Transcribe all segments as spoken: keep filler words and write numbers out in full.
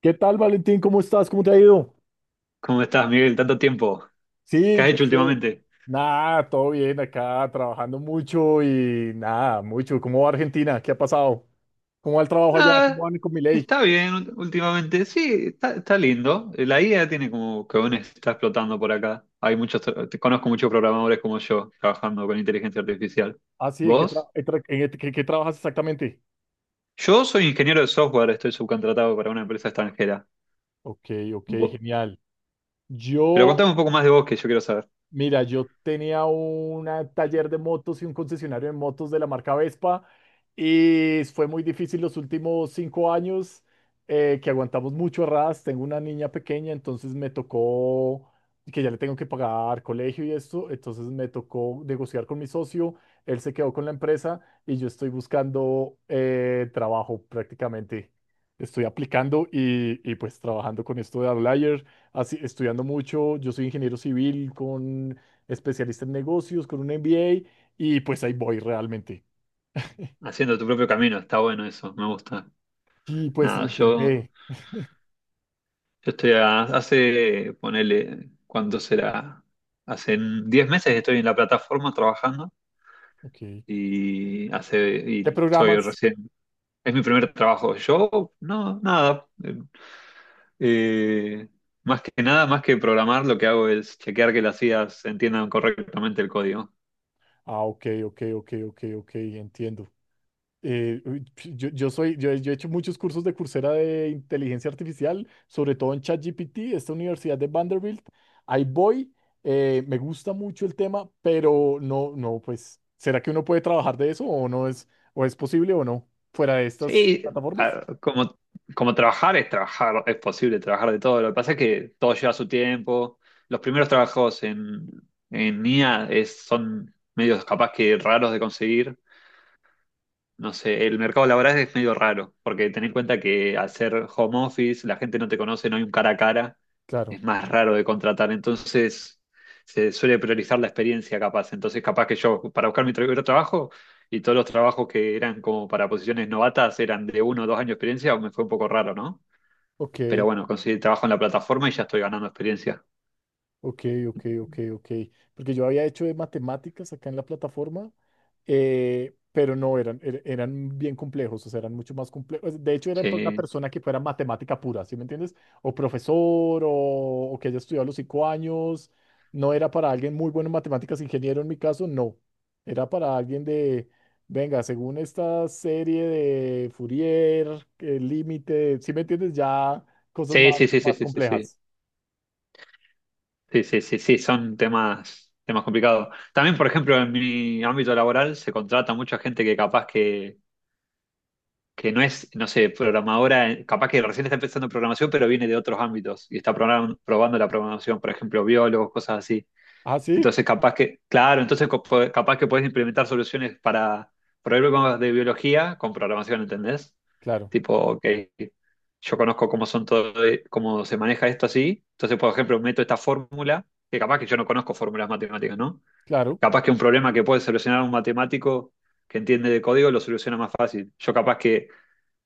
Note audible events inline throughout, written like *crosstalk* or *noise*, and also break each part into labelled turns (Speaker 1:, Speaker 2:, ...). Speaker 1: ¿Qué tal, Valentín? ¿Cómo estás? ¿Cómo te ha ido?
Speaker 2: ¿Cómo estás, Miguel? Tanto tiempo. ¿Qué
Speaker 1: Sí,
Speaker 2: has
Speaker 1: yo
Speaker 2: hecho
Speaker 1: sé.
Speaker 2: últimamente?
Speaker 1: Nada, todo bien acá, trabajando mucho y nada, mucho. ¿Cómo va Argentina? ¿Qué ha pasado? ¿Cómo va el trabajo allá? ¿Cómo
Speaker 2: Nada,
Speaker 1: van con mi ley?
Speaker 2: está bien ú- últimamente. Sí, está, está lindo. Eh, La I A tiene como que aún está explotando por acá. Hay muchos, tra- te- conozco muchos programadores como yo trabajando con inteligencia artificial.
Speaker 1: Ah, sí, ¿en qué, tra-
Speaker 2: ¿Vos?
Speaker 1: en tra- en qué- qué- qué trabajas exactamente?
Speaker 2: Yo soy ingeniero de software, estoy subcontratado para una empresa extranjera.
Speaker 1: Ok, ok,
Speaker 2: Vo-
Speaker 1: genial.
Speaker 2: Pero
Speaker 1: Yo
Speaker 2: contame un poco más de vos que yo quiero saber.
Speaker 1: Mira, yo tenía un taller de motos y un concesionario de motos de la marca Vespa y fue muy difícil los últimos cinco años, eh, que aguantamos mucho arras. Tengo una niña pequeña, entonces me tocó que ya le tengo que pagar colegio y esto, entonces me tocó negociar con mi socio. Él se quedó con la empresa y yo estoy buscando eh, trabajo prácticamente. Estoy aplicando y, y pues trabajando con esto de outlier así, estudiando mucho. Yo soy ingeniero civil con especialista en negocios, con un M B A, y pues ahí voy realmente.
Speaker 2: Haciendo tu propio camino, está bueno eso, me gusta.
Speaker 1: Y pues
Speaker 2: Nada, yo
Speaker 1: intenté.
Speaker 2: Yo estoy a- hace, ponele, ¿cuánto será? Hace diez meses estoy en la plataforma trabajando
Speaker 1: Ok.
Speaker 2: y hace
Speaker 1: ¿Qué
Speaker 2: y soy
Speaker 1: programas?
Speaker 2: recién, es mi primer trabajo. Yo, no, nada. Eh, eh, más que nada, más que programar, lo que hago es chequear que las I As entiendan correctamente el código.
Speaker 1: Ah, ok, ok, ok, ok, ok, entiendo. Eh, uy, yo, yo soy, yo, he yo he hecho muchos cursos de Coursera de inteligencia artificial, sobre todo en ChatGPT, esta universidad de Vanderbilt. Ahí voy, eh, me gusta mucho el tema, pero no, no, pues, ¿será que uno puede trabajar de eso o no es, o es posible o no fuera de estas
Speaker 2: Sí,
Speaker 1: plataformas?
Speaker 2: a- como, como trabajar es trabajar, es posible trabajar de todo. Lo que pasa es que todo lleva su tiempo. Los primeros trabajos en, en I A es- son medios capaz que raros de conseguir. No sé, el mercado laboral es medio raro, porque ten en cuenta que al ser home office, la gente no te conoce, no hay un cara a cara,
Speaker 1: Claro,
Speaker 2: es más raro de contratar, entonces se suele priorizar la experiencia capaz. Entonces capaz que yo, para buscar mi tra- otro trabajo, y todos los trabajos que eran como para posiciones novatas eran de uno o dos años de experiencia, me fue un poco raro, ¿no?
Speaker 1: ok,
Speaker 2: Pero bueno, conseguí trabajo en la plataforma y ya estoy ganando experiencia.
Speaker 1: ok, ok, ok, ok. Porque yo había hecho de matemáticas acá en la plataforma, eh, pero no eran, er- eran bien complejos, o sea, eran mucho más complejos. De hecho, eran por una
Speaker 2: Sí,
Speaker 1: persona que fuera matemática pura, ¿sí me entiendes? O profesor, o, o que haya estudiado los cinco años. No era para alguien muy bueno en matemáticas, ingeniero en mi caso, no. Era para alguien de, venga, según esta serie de Fourier, el límite, ¿sí me entiendes? Ya cosas más,
Speaker 2: sí, sí, sí, sí,
Speaker 1: más
Speaker 2: sí, sí, sí.
Speaker 1: complejas.
Speaker 2: Sí, sí, sí, sí, son temas, temas complicados. También, por ejemplo, en mi ámbito laboral se contrata mucha gente que capaz que, que no es, no sé, programadora, eh, capaz que recién está empezando programación, pero viene de otros ámbitos y está program- probando la programación, por ejemplo, biólogos, cosas así.
Speaker 1: Ah, sí,
Speaker 2: Entonces, capaz que, claro, entonces co- po- capaz que podés implementar soluciones para problemas de biología con programación, ¿entendés?
Speaker 1: claro,
Speaker 2: Tipo, ok, yo conozco cómo son todo, eh, cómo se maneja esto así. Entonces, por ejemplo, meto esta fórmula, que capaz que yo no conozco fórmulas matemáticas, ¿no?
Speaker 1: claro,
Speaker 2: Capaz que un problema que puede solucionar un matemático que entiende de código lo soluciona más fácil. Yo capaz que,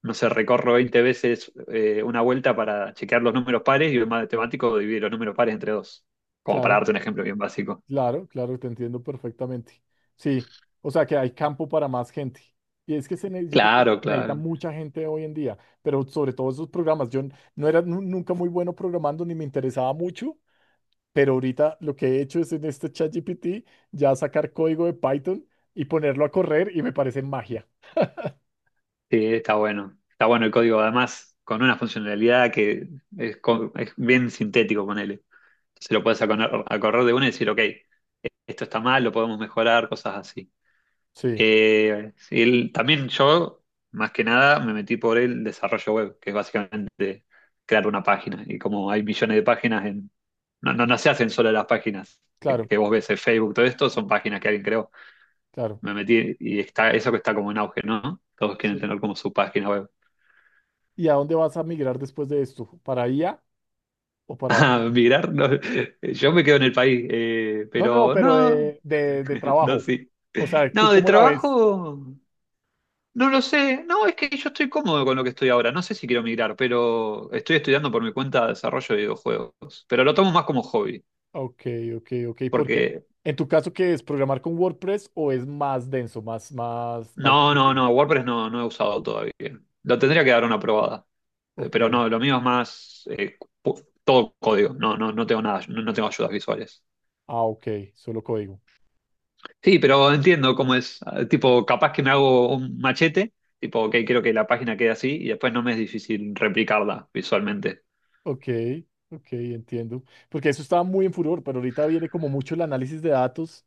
Speaker 2: no sé, recorro veinte veces eh, una vuelta para chequear los números pares y un matemático divide los números pares entre dos. Como para
Speaker 1: claro.
Speaker 2: darte un ejemplo bien básico.
Speaker 1: Claro, claro, te entiendo perfectamente. Sí, o sea que hay campo para más gente. Y es que se, ne- yo creo que se
Speaker 2: Claro,
Speaker 1: necesita
Speaker 2: claro.
Speaker 1: mucha gente hoy en día, pero sobre todo esos programas. Yo n- no era nu- nunca muy bueno programando ni me interesaba mucho, pero ahorita lo que he hecho es en este ChatGPT ya sacar código de Python y ponerlo a correr y me parece magia.
Speaker 2: Sí, está bueno. Está bueno el código, además, con una funcionalidad que es, co- es bien sintético, ponele. Se lo puedes acor- acordar de una y decir, ok, esto está mal, lo podemos mejorar, cosas así.
Speaker 1: Sí,
Speaker 2: Eh, sí, el- también yo, más que nada, me metí por el desarrollo web, que es básicamente crear una página. Y como hay millones de páginas, en, no, no, no se hacen solo las páginas que,
Speaker 1: claro,
Speaker 2: que vos ves en Facebook, todo esto son páginas que alguien creó.
Speaker 1: claro.
Speaker 2: Me metí y está eso que está como en auge, ¿no? Todos quieren
Speaker 1: Sí.
Speaker 2: tener como su página web. *laughs*
Speaker 1: ¿Y a dónde vas a migrar después de esto? ¿Para I A o para...
Speaker 2: Ah, migrar, no, yo me quedo en el país, eh,
Speaker 1: No, no, no,
Speaker 2: pero
Speaker 1: pero
Speaker 2: no,
Speaker 1: de, de de
Speaker 2: *laughs* no,
Speaker 1: trabajo.
Speaker 2: sí.
Speaker 1: O sea, ¿tú
Speaker 2: No, de
Speaker 1: cómo la ves?
Speaker 2: trabajo, no lo sé. No, es que yo estoy cómodo con lo que estoy ahora. No sé si quiero migrar, pero estoy estudiando por mi cuenta desarrollo de videojuegos. Pero lo tomo más como hobby,
Speaker 1: Ok, ok, ok. Porque
Speaker 2: porque
Speaker 1: en tu caso, ¿qué es programar con WordPress o es más denso, más, más, más
Speaker 2: No, no,
Speaker 1: difícil?
Speaker 2: no, WordPress no, no he usado todavía. Lo tendría que dar una probada. Eh,
Speaker 1: Ok.
Speaker 2: Pero no, lo mío es más eh, pu- todo código. No, no, no tengo nada, no, no tengo ayudas visuales.
Speaker 1: Ah, ok. Solo código.
Speaker 2: Sí, pero entiendo cómo es. eh, Tipo, capaz que me hago un machete, tipo, ok, quiero que la página quede así y después no me es difícil replicarla visualmente.
Speaker 1: Ok, ok, entiendo. Porque eso estaba muy en furor, pero ahorita viene como mucho el análisis de datos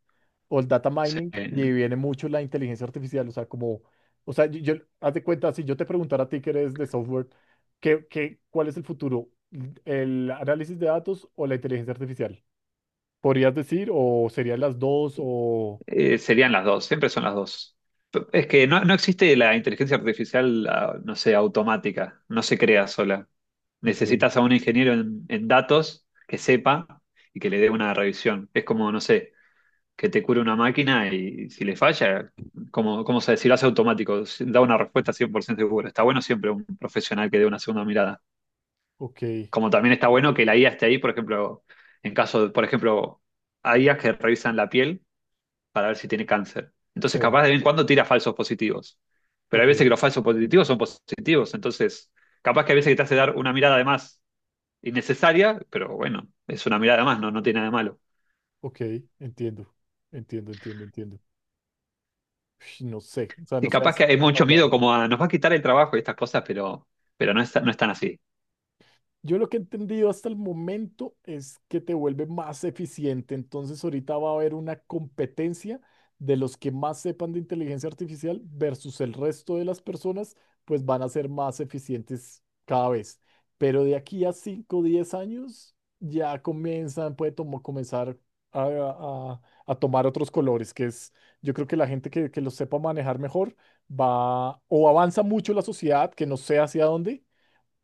Speaker 1: o el data
Speaker 2: Sí.
Speaker 1: mining y viene mucho la inteligencia artificial. O sea, como, o sea, yo, yo- haz de cuenta, si yo te preguntara a ti que eres de software, ¿qué, qué, cuál es el futuro? ¿El análisis de datos o la inteligencia artificial? ¿Podrías decir o serían las dos o...
Speaker 2: Eh, serían las dos, siempre son las dos. Es que no, no existe la inteligencia artificial, ah, no sé, automática, no se crea sola.
Speaker 1: Ok,
Speaker 2: Necesitas a un ingeniero en, en datos que sepa y que le dé una revisión. Es como, no sé, que te cure una máquina y si le falla, como, como se decir, hace automático, Si da una respuesta cien por ciento segura. Está bueno siempre un profesional que dé una segunda mirada.
Speaker 1: ok,
Speaker 2: Como también está bueno que la I A esté ahí, por ejemplo, en caso, de- por ejemplo, hay I As que revisan la piel para ver si tiene cáncer. Entonces,
Speaker 1: sí,
Speaker 2: capaz de vez en cuando tira falsos positivos. Pero hay
Speaker 1: ok,
Speaker 2: veces que los falsos positivos son positivos. Entonces, capaz que hay veces que te hace dar una mirada de más innecesaria, pero bueno, es una mirada más, no, no tiene nada de malo.
Speaker 1: ok, entiendo, entiendo, entiendo, entiendo. Ush, no sé, o sea, no
Speaker 2: Y
Speaker 1: sé
Speaker 2: capaz que
Speaker 1: hasta
Speaker 2: hay
Speaker 1: hasta
Speaker 2: mucho
Speaker 1: dónde
Speaker 2: miedo
Speaker 1: vamos.
Speaker 2: como a nos va a quitar el trabajo y estas cosas, pero, pero no es, no es, tan así.
Speaker 1: Yo lo que he entendido hasta el momento es que te vuelve más eficiente. Entonces ahorita va a haber una competencia de los que más sepan de inteligencia artificial versus el resto de las personas, pues van a ser más eficientes cada vez. Pero de aquí a cinco, o diez años ya comienzan, puede tomo- comenzar a, a- a tomar otros colores, que es, yo creo que la gente que, que lo sepa manejar mejor va o avanza mucho la sociedad, que no sé hacia dónde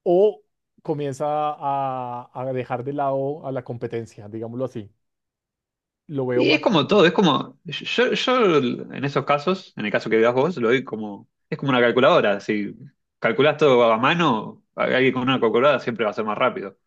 Speaker 1: o comienza a, a dejar de lado a la competencia, digámoslo así. Lo veo
Speaker 2: Y es
Speaker 1: más,
Speaker 2: como todo, es como, yo, yo en esos casos, en el caso que veas vos, lo doy como, es como una calculadora, si calculás todo a mano, alguien con una calculadora siempre va a ser más rápido.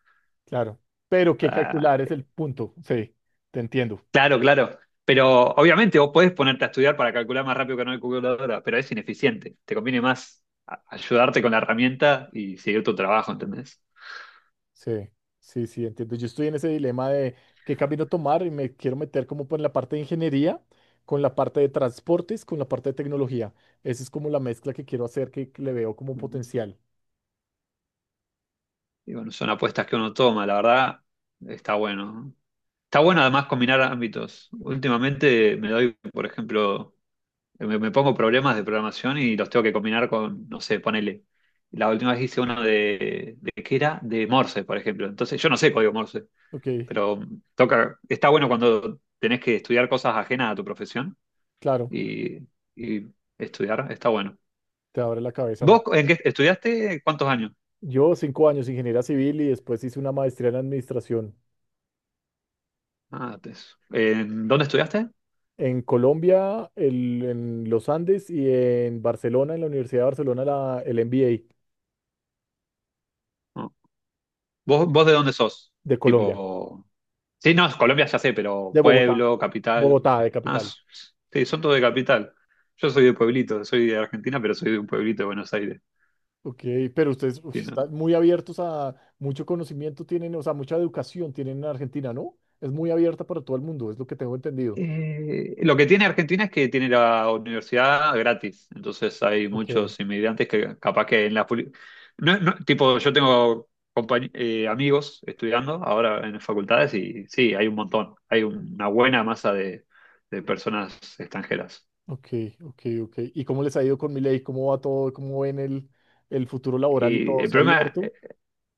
Speaker 1: claro. Pero que
Speaker 2: Ah,
Speaker 1: calcular es el punto, sí, te entiendo.
Speaker 2: claro, claro. Pero obviamente vos podés ponerte a estudiar para calcular más rápido que una calculadora, pero es ineficiente. Te conviene más a- ayudarte con la herramienta y seguir tu trabajo, ¿entendés?
Speaker 1: Sí, sí, sí, entiendo. Yo estoy en ese dilema de qué camino tomar y me quiero meter como por la parte de ingeniería, con la parte de transportes, con la parte de tecnología. Esa es como la mezcla que quiero hacer, que que le veo como
Speaker 2: Y
Speaker 1: potencial.
Speaker 2: bueno, son apuestas que uno toma, la verdad, está bueno. Está bueno además combinar ámbitos. Últimamente me doy, por ejemplo, me, me pongo problemas de programación y los tengo que combinar con, no sé, ponele. La última vez hice uno de, de ¿qué era? De Morse, por ejemplo. Entonces, yo no sé código Morse,
Speaker 1: Ok,
Speaker 2: pero toca, está bueno cuando tenés que estudiar cosas ajenas a tu profesión
Speaker 1: claro,
Speaker 2: y, y estudiar, está bueno.
Speaker 1: te abre la cabeza más.
Speaker 2: ¿Vos en qué estudiaste? ¿Cuántos años?
Speaker 1: Yo cinco años ingeniería civil y después hice una maestría en administración.
Speaker 2: Ah, te- ¿En dónde estudiaste?
Speaker 1: En Colombia, el- en los Andes y en Barcelona, en la Universidad de Barcelona, la, el M B A
Speaker 2: ¿Vos, vos de dónde sos?
Speaker 1: de Colombia,
Speaker 2: Tipo. Sí, no, Colombia ya sé, pero
Speaker 1: de Bogotá,
Speaker 2: pueblo, capital.
Speaker 1: Bogotá, de
Speaker 2: Ah,
Speaker 1: capital.
Speaker 2: s- sí, son todos de capital. Yo soy de pueblito, soy de Argentina, pero soy de un pueblito de Buenos Aires.
Speaker 1: Ok, pero ustedes uy,
Speaker 2: Sí, no.
Speaker 1: están muy abiertos a mucho conocimiento tienen, o sea, mucha educación tienen en Argentina, ¿no? Es muy abierta para todo el mundo, es lo que tengo entendido.
Speaker 2: Eh, lo que tiene Argentina es que tiene la universidad gratis, entonces hay
Speaker 1: Ok,
Speaker 2: muchos inmigrantes que capaz que en la... puli- No, no, tipo, yo tengo compañ- eh, amigos estudiando ahora en facultades y sí, hay un montón, hay una buena masa de, de personas extranjeras.
Speaker 1: ok, ok, ok. ¿Y cómo les ha ido con Milei? ¿Cómo va todo? ¿Cómo ven el, el futuro laboral y
Speaker 2: Y
Speaker 1: todo?
Speaker 2: el
Speaker 1: ¿Se ha
Speaker 2: problema,
Speaker 1: abierto?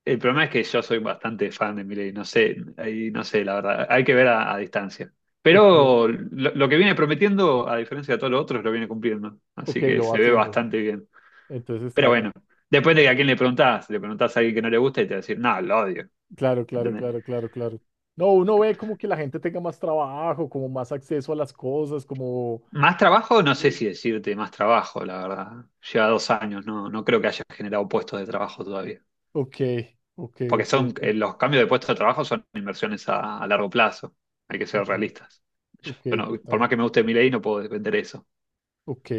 Speaker 2: el problema es que yo soy bastante fan de Milei, no sé, ahí no sé, la verdad, hay que ver a, a distancia.
Speaker 1: Ok,
Speaker 2: Pero lo, lo que viene prometiendo, a diferencia de todos los otros, lo viene cumpliendo.
Speaker 1: ok,
Speaker 2: Así que
Speaker 1: lo va
Speaker 2: se ve
Speaker 1: haciendo.
Speaker 2: bastante bien.
Speaker 1: Entonces
Speaker 2: Pero
Speaker 1: está.
Speaker 2: bueno, depende de a quién le preguntás. Le preguntás a alguien que no le gusta y te va a decir, no, lo odio.
Speaker 1: Claro, claro,
Speaker 2: ¿Entendés?
Speaker 1: claro, claro, claro. No, uno ve como que la gente tenga más trabajo, como más acceso a las cosas, como...
Speaker 2: Más trabajo, no sé si decirte más trabajo, la verdad. Lleva dos años, no, no creo que haya generado puestos de trabajo todavía.
Speaker 1: Ok, ok,
Speaker 2: Porque
Speaker 1: ok,
Speaker 2: son,
Speaker 1: ok,
Speaker 2: eh, los cambios de puesto de trabajo son inversiones a, a largo plazo. Hay que ser
Speaker 1: ok,
Speaker 2: realistas.
Speaker 1: ok,
Speaker 2: Yo no- por
Speaker 1: total.
Speaker 2: más que me guste mi ley, no puedo defender eso.
Speaker 1: Ok,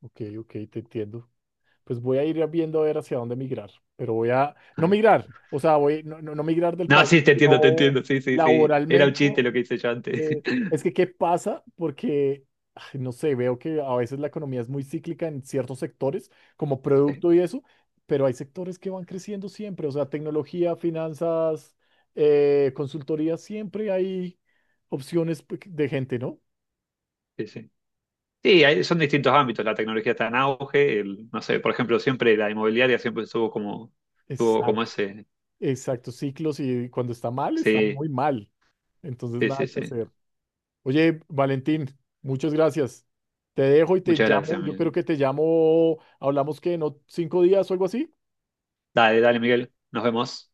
Speaker 1: ok, ok, te entiendo. Pues voy a ir viendo a ver hacia dónde migrar, pero voy a... No
Speaker 2: *laughs*
Speaker 1: migrar, o sea, voy, no, no, no migrar del
Speaker 2: No,
Speaker 1: país,
Speaker 2: sí, te entiendo, te
Speaker 1: sino
Speaker 2: entiendo. Sí, sí, sí. Era un
Speaker 1: laboralmente.
Speaker 2: chiste lo que hice yo antes. *laughs*
Speaker 1: Eh, es que, ¿qué pasa? Porque, ay, no sé, veo que a veces la economía es muy cíclica en ciertos sectores, como
Speaker 2: Sí,
Speaker 1: producto y eso, pero hay sectores que van creciendo siempre, o sea, tecnología, finanzas, eh, consultoría, siempre hay opciones pe- de gente, ¿no?
Speaker 2: sí, sí. Sí, hay- son distintos ámbitos. La tecnología está en auge. el- no sé, por ejemplo, siempre la inmobiliaria siempre estuvo como, estuvo como,
Speaker 1: Exacto,
Speaker 2: ese.
Speaker 1: exacto, ciclos y cuando está mal, está
Speaker 2: Sí,
Speaker 1: muy mal. Entonces,
Speaker 2: sí,
Speaker 1: nada
Speaker 2: sí,
Speaker 1: que
Speaker 2: sí.
Speaker 1: hacer. Oye, Valentín, muchas gracias. Te dejo y te
Speaker 2: Muchas
Speaker 1: llamo,
Speaker 2: gracias,
Speaker 1: yo creo
Speaker 2: Miguel.
Speaker 1: que te llamo, hablamos que en ot- cinco días o algo así.
Speaker 2: Dale, dale, Miguel. Nos vemos.